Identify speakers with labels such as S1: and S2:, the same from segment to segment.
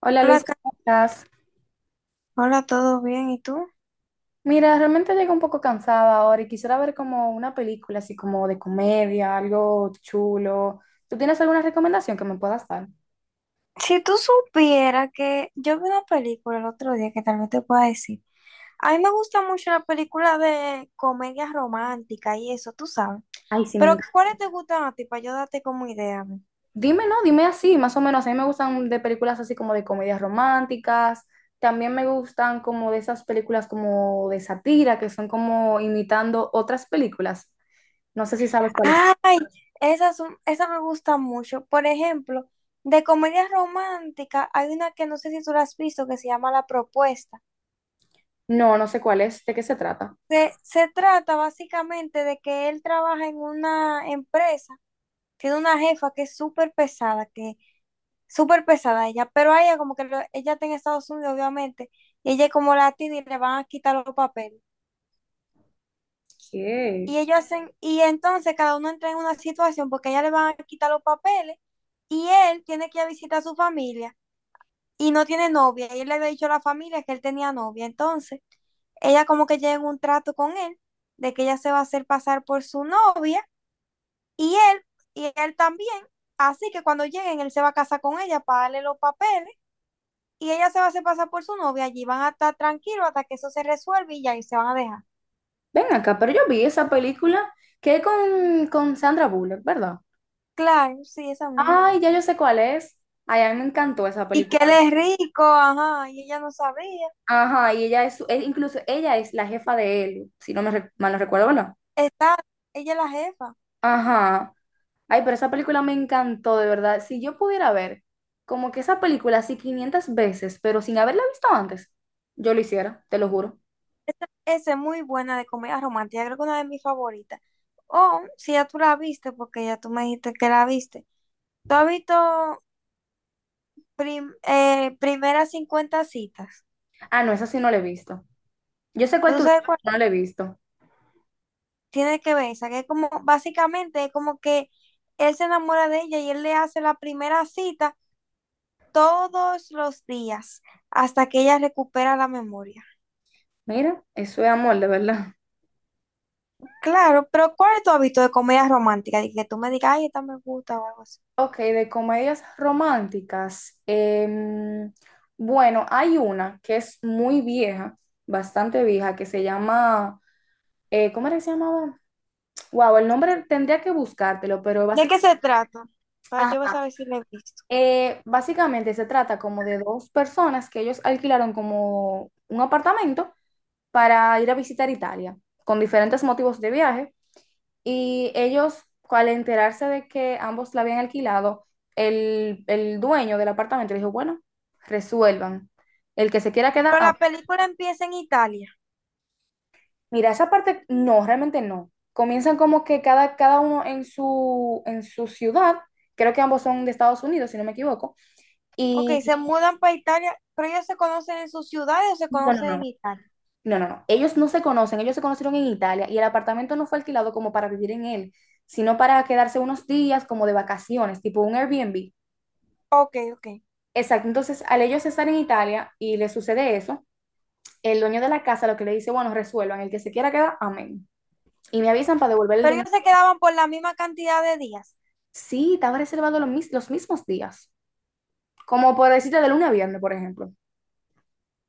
S1: Hola
S2: Hola,
S1: Luis, ¿cómo estás?
S2: Hola, ¿todo bien? ¿Y tú?
S1: Mira, realmente llego un poco cansada ahora y quisiera ver como una película así como de comedia, algo chulo. ¿Tú tienes alguna recomendación que me puedas dar?
S2: Si tú supieras que yo vi una película el otro día que tal vez te pueda decir. A mí me gusta mucho la película de comedia romántica y eso, tú sabes.
S1: Ay, sí, me
S2: Pero
S1: encanta.
S2: ¿cuáles te gustan a ti para yo darte como idea, a ver?
S1: Dime, no, dime así, más o menos. A mí me gustan de películas así como de comedias románticas. También me gustan como de esas películas como de sátira que son como imitando otras películas. No sé si sabes cuáles.
S2: Ah, esas, esas me gustan mucho. Por ejemplo, de comedia romántica hay una que no sé si tú la has visto que se llama La Propuesta.
S1: No, no sé cuál es. ¿De qué se trata?
S2: Se trata básicamente de que él trabaja en una empresa. Tiene una jefa que es súper pesada, que súper pesada ella, pero a ella como que ella está en Estados Unidos, obviamente, y ella es como latina y le van a quitar los papeles. Y
S1: ¿Qué?
S2: ellos hacen, y entonces cada uno entra en una situación porque a ella le van a quitar los papeles y él tiene que ir a visitar a su familia y no tiene novia. Y él le había dicho a la familia que él tenía novia. Entonces, ella como que llega en un trato con él de que ella se va a hacer pasar por su novia. Y él, y él también, así que cuando lleguen, él se va a casar con ella para darle los papeles y ella se va a hacer pasar por su novia. Allí van a estar tranquilos hasta que eso se resuelve y ya y se van a dejar.
S1: Ven acá, pero yo vi esa película que es con Sandra Bullock, ¿verdad?
S2: Claro, sí, esa misma.
S1: Ay, ya yo sé cuál es. Ay, a mí me encantó esa
S2: Y que
S1: película.
S2: él es rico, ajá, y ella no sabía.
S1: Ajá, y ella es, incluso ella es la jefa de él, si mal no recuerdo, ¿verdad?
S2: Está, ella es la jefa.
S1: Ajá. Ay, pero esa película me encantó, de verdad. Si yo pudiera ver como que esa película así 500 veces, pero sin haberla visto antes, yo lo hiciera, te lo juro.
S2: Esa es muy buena de comedia romántica, creo que una de mis favoritas. O si ya tú la viste, porque ya tú me dijiste que la viste. ¿Tú has visto primeras 50 citas?
S1: Ah, no, esa sí no la he visto. Yo sé cuál
S2: ¿Tú
S1: tú dices,
S2: sabes cuál?
S1: no la he visto.
S2: Tiene que ver, o sea que es como, básicamente es como que él se enamora de ella y él le hace la primera cita todos los días hasta que ella recupera la memoria.
S1: Mira, eso es amor, de verdad.
S2: Claro, pero ¿cuál es tu hábito de comedia romántica? De que tú me digas, ay, esta me gusta o algo así.
S1: Ok, de comedias románticas. em, bueno, hay una que es muy vieja, bastante vieja, que se llama, ¿cómo era que se llamaba? Wow, el nombre tendría que buscártelo, pero
S2: ¿De qué
S1: básicamente,
S2: se trata? Para yo saber si la he visto.
S1: básicamente se trata como de dos personas que ellos alquilaron como un apartamento para ir a visitar Italia, con diferentes motivos de viaje. Y ellos, al enterarse de que ambos la habían alquilado, el dueño del apartamento le dijo, bueno, resuelvan. El que se quiera quedar,
S2: Pero
S1: ah,
S2: la película empieza en Italia.
S1: mira, esa parte no, realmente no. Comienzan como que cada uno en su ciudad, creo que ambos son de Estados Unidos, si no me equivoco,
S2: Ok, se
S1: y
S2: mudan para Italia, pero ellos se conocen en sus ciudades o se
S1: no, no,
S2: conocen
S1: no.
S2: en Italia.
S1: No, no, no. Ellos no se conocen, ellos se conocieron en Italia y el apartamento no fue alquilado como para vivir en él, sino para quedarse unos días como de vacaciones, tipo un Airbnb.
S2: Ok, ok.
S1: Exacto, entonces al ellos estar en Italia y le sucede eso, el dueño de la casa lo que le dice, bueno, resuelvan, el que se quiera quedar, amén. Y me avisan para devolver el
S2: Pero
S1: dinero.
S2: ellos se quedaban por la misma cantidad de días.
S1: Sí, estaba reservado los mismos días, como por decirte de lunes a viernes, por ejemplo.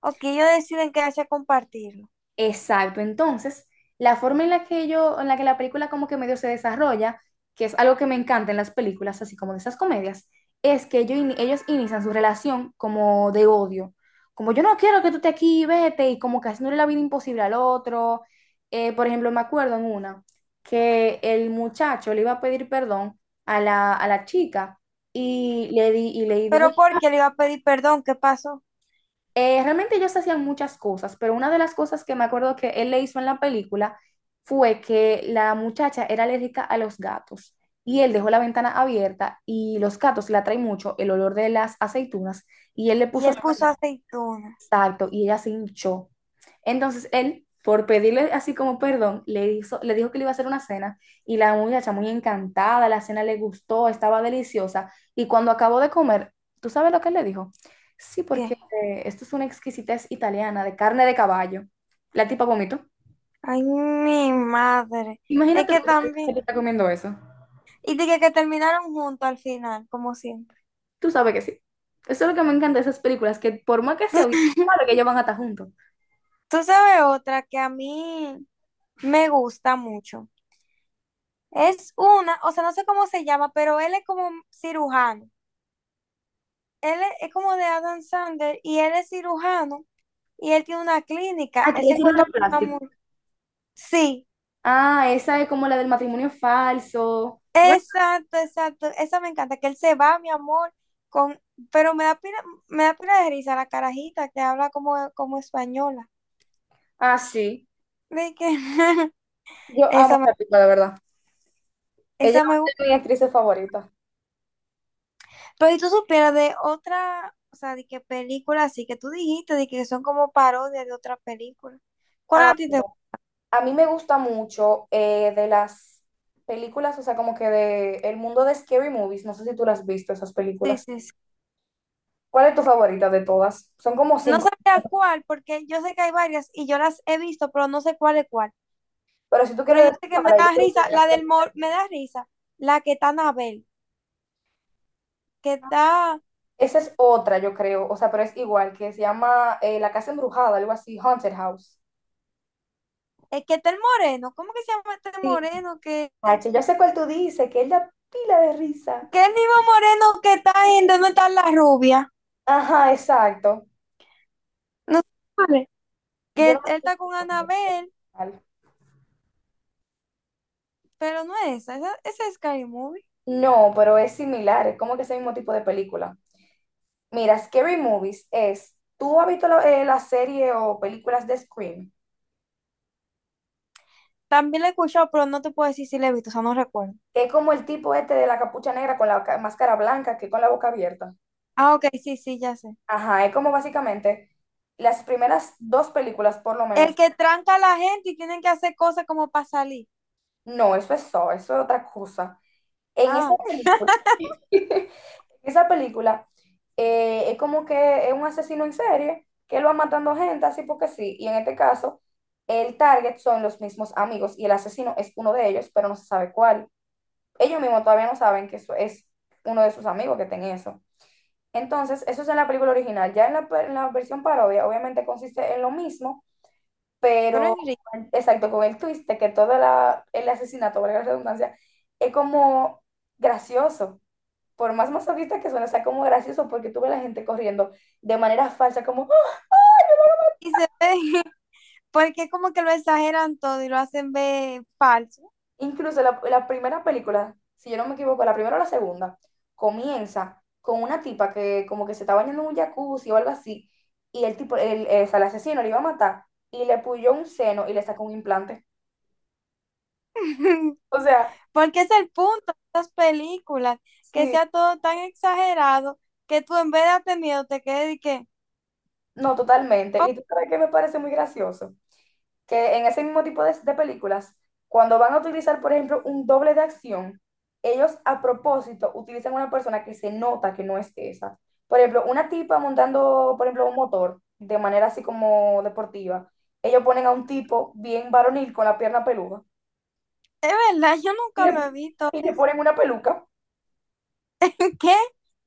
S2: Ok, ellos deciden quedarse a compartirlo.
S1: Exacto. Entonces, la forma en la que yo, en la que la película como que medio se desarrolla, que es algo que me encanta en las películas, así como de esas comedias, es que ellos inician su relación como de odio. Como yo no quiero que tú estés aquí, vete, y como que haciéndole la vida imposible al otro. Por ejemplo, me acuerdo en una que el muchacho le iba a pedir perdón a la chica y y le dijo
S2: Pero porque le iba a pedir perdón, ¿qué pasó?
S1: realmente ellos hacían muchas cosas, pero una de las cosas que me acuerdo que él le hizo en la película fue que la muchacha era alérgica a los gatos y él dejó la ventana abierta y los gatos la atraen mucho el olor de las aceitunas y él le
S2: Y
S1: puso
S2: él puso aceituna.
S1: exacto, y ella se hinchó. Entonces él, por pedirle así como perdón, le dijo que le iba a hacer una cena y la muchacha muy encantada, la cena le gustó, estaba deliciosa y cuando acabó de comer, ¿tú sabes lo que él le dijo? Sí, porque
S2: ¿Qué?
S1: esto es una exquisitez italiana de carne de caballo. La tipa vomitó.
S2: Ay, mi madre. Es
S1: Imagínate
S2: que
S1: tú que
S2: también.
S1: te está comiendo eso.
S2: Y dije que terminaron juntos al final, como siempre.
S1: Tú sabes que sí. Eso es lo que me encanta de esas películas, que por más que se oyen, sabe que ellos van a estar juntos.
S2: Tú sabes otra que a mí me gusta mucho. Es una, o sea, no sé cómo se llama, pero él es como cirujano. Él es como de Adam Sandler y él es cirujano y él tiene una clínica. Él
S1: Aquí
S2: se
S1: es
S2: encuentra con una
S1: plástico.
S2: sí,
S1: Ah, esa es como la del matrimonio falso. Bueno,
S2: exacto, exacto. Esa me encanta, que él se va, mi amor, con, pero me da pila de risa la carajita que habla como, como española.
S1: ah, sí.
S2: De que
S1: Yo amo
S2: esa me,
S1: esa película, de verdad. Ella
S2: esa me
S1: es
S2: gusta.
S1: una de mis actrices favoritas.
S2: Pero si tú supieras de otra, o sea, de qué película así que tú dijiste, de que son como parodias de otras películas. ¿Cuál
S1: Ah,
S2: a ti te
S1: mira,
S2: gusta?
S1: a mí me gusta mucho de las películas, o sea, como que de el mundo de Scary Movies. No sé si tú las has visto, esas
S2: Sí,
S1: películas.
S2: sí, sí.
S1: ¿Cuál es tu favorita de todas? Son como
S2: No
S1: 5.
S2: sabía cuál, porque yo sé que hay varias y yo las he visto, pero no sé cuál es cuál.
S1: Pero si tú
S2: Pero
S1: quieres
S2: yo
S1: decir
S2: sé que me
S1: ahora, yo
S2: da
S1: creo que
S2: risa, la del mor, me da risa, la que está Anabel, que da.
S1: esa es otra, yo creo. O sea, pero es igual, que se llama La Casa Embrujada, algo así, Haunted House.
S2: Es que está el moreno. ¿Cómo que se llama este
S1: Sí,
S2: moreno? Que
S1: Nacho, yo sé cuál tú dices, que es la pila de risa.
S2: el mismo moreno que está en ¿Dónde está la rubia?
S1: Ajá, exacto.
S2: No sé. Que
S1: Yo no
S2: él está
S1: me
S2: con Anabel,
S1: acuerdo.
S2: pero no es esa. Esa es Scary Movie.
S1: No, pero es similar, es como que ese mismo tipo de película. Mira, Scary Movies es, ¿tú has visto la serie o películas de Scream?
S2: También la he escuchado, pero no te puedo decir si la he visto, o sea, no recuerdo.
S1: Que es como el tipo este de la capucha negra con la máscara blanca, que con la boca abierta.
S2: Ah, ok, sí, sí, ya sé.
S1: Ajá, es como básicamente las primeras dos películas, por lo
S2: El
S1: menos.
S2: que tranca a la gente y tienen que hacer cosas como para salir.
S1: No, eso es otra cosa. En esa
S2: Ah,
S1: película, en esa película es como que es un asesino en serie que él va matando gente así porque sí. Y en este caso, el target son los mismos amigos y el asesino es uno de ellos, pero no se sabe cuál. Ellos mismos todavía no saben que eso es uno de sus amigos que tiene eso. Entonces, eso es en la película original. Ya en la versión parodia, obviamente consiste en lo mismo,
S2: pero
S1: pero
S2: Enrique.
S1: exacto, con el twist de que el asesinato, valga la redundancia, es como gracioso por más masoquista que suene, sea como gracioso porque tuve la gente corriendo de manera falsa, como ¡ah!
S2: Y se ve, porque como que lo exageran todo y lo hacen ver falso.
S1: Incluso la primera película, si yo no me equivoco, la primera o la segunda, comienza con una tipa que como que se está bañando en un jacuzzi o algo así, y el tipo, el asesino le iba a matar y le puyó un seno y le sacó un implante. O sea,
S2: Porque es el punto de estas películas, que
S1: sí,
S2: sea todo tan exagerado que tú en vez de darte miedo te quedes y que,
S1: no, totalmente.
S2: oh,
S1: Y tú sabes que me parece muy gracioso que en ese mismo tipo de películas, cuando van a utilizar, por ejemplo, un doble de acción, ellos a propósito utilizan una persona que se nota que no es esa. Por ejemplo, una tipa montando, por ejemplo, un motor de manera así como deportiva, ellos ponen a un tipo bien varonil con la pierna peluda
S2: es verdad, yo
S1: y
S2: nunca lo he visto.
S1: y le ponen una peluca.
S2: ¿Qué?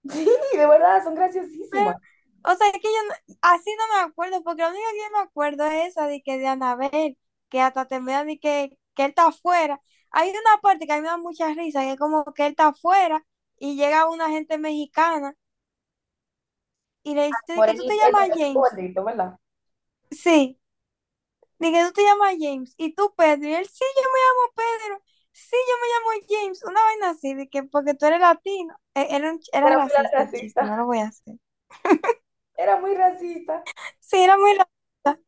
S1: Sí, de verdad, son
S2: Pero,
S1: graciosísimas.
S2: o sea, es que yo así no me acuerdo, porque lo único que yo me acuerdo es esa de que de Anabel, que hasta termina de que él está afuera. Hay una parte que a mí me da mucha risa, que es como que él está afuera y llega una gente mexicana y le dice de que tú te
S1: Morenito, el
S2: llamas James.
S1: gordito, ¿verdad?
S2: Sí. De que tú te llamas James y tú Pedro. Y él, sí, yo me llamo Pedro. Sí, yo me llamo James. Una vaina así, de que porque tú eres latino. Era, era
S1: Era muy
S2: racista el chiste, no
S1: racista.
S2: lo voy a hacer.
S1: Era muy racista.
S2: Sí, era muy racista.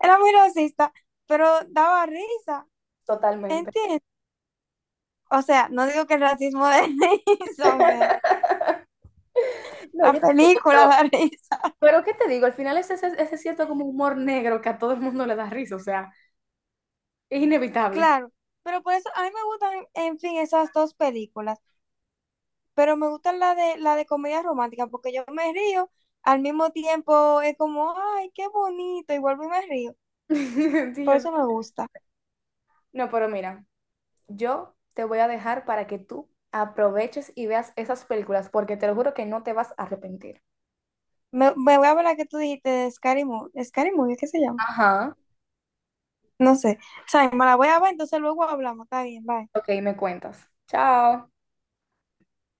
S2: Era muy racista, pero daba risa.
S1: Totalmente.
S2: ¿Entiendes? O sea, no digo que el racismo de risa, o sea,
S1: No,
S2: la
S1: yo tampoco,
S2: película
S1: pero
S2: da risa.
S1: Pero ¿qué te digo? Al final es ese cierto como humor negro que a todo el mundo le da risa, o sea, es inevitable.
S2: Claro, pero por eso a mí me gustan, en fin, esas dos películas. Pero me gusta la de comedia romántica porque yo me río, al mismo tiempo es como, ay, qué bonito, y vuelvo y me río.
S1: Sí,
S2: Por
S1: yo sé.
S2: eso me gusta.
S1: No, pero mira, yo te voy a dejar para que tú aproveches y veas esas películas, porque te lo juro que no te vas a arrepentir.
S2: Me voy a ver la que tú dijiste de Scary Movie. Scary Movie, ¿qué se llama?
S1: Ajá.
S2: No sé. O sea, me la voy a ver, entonces luego hablamos. Está bien, bye.
S1: Ok, me cuentas. Chao.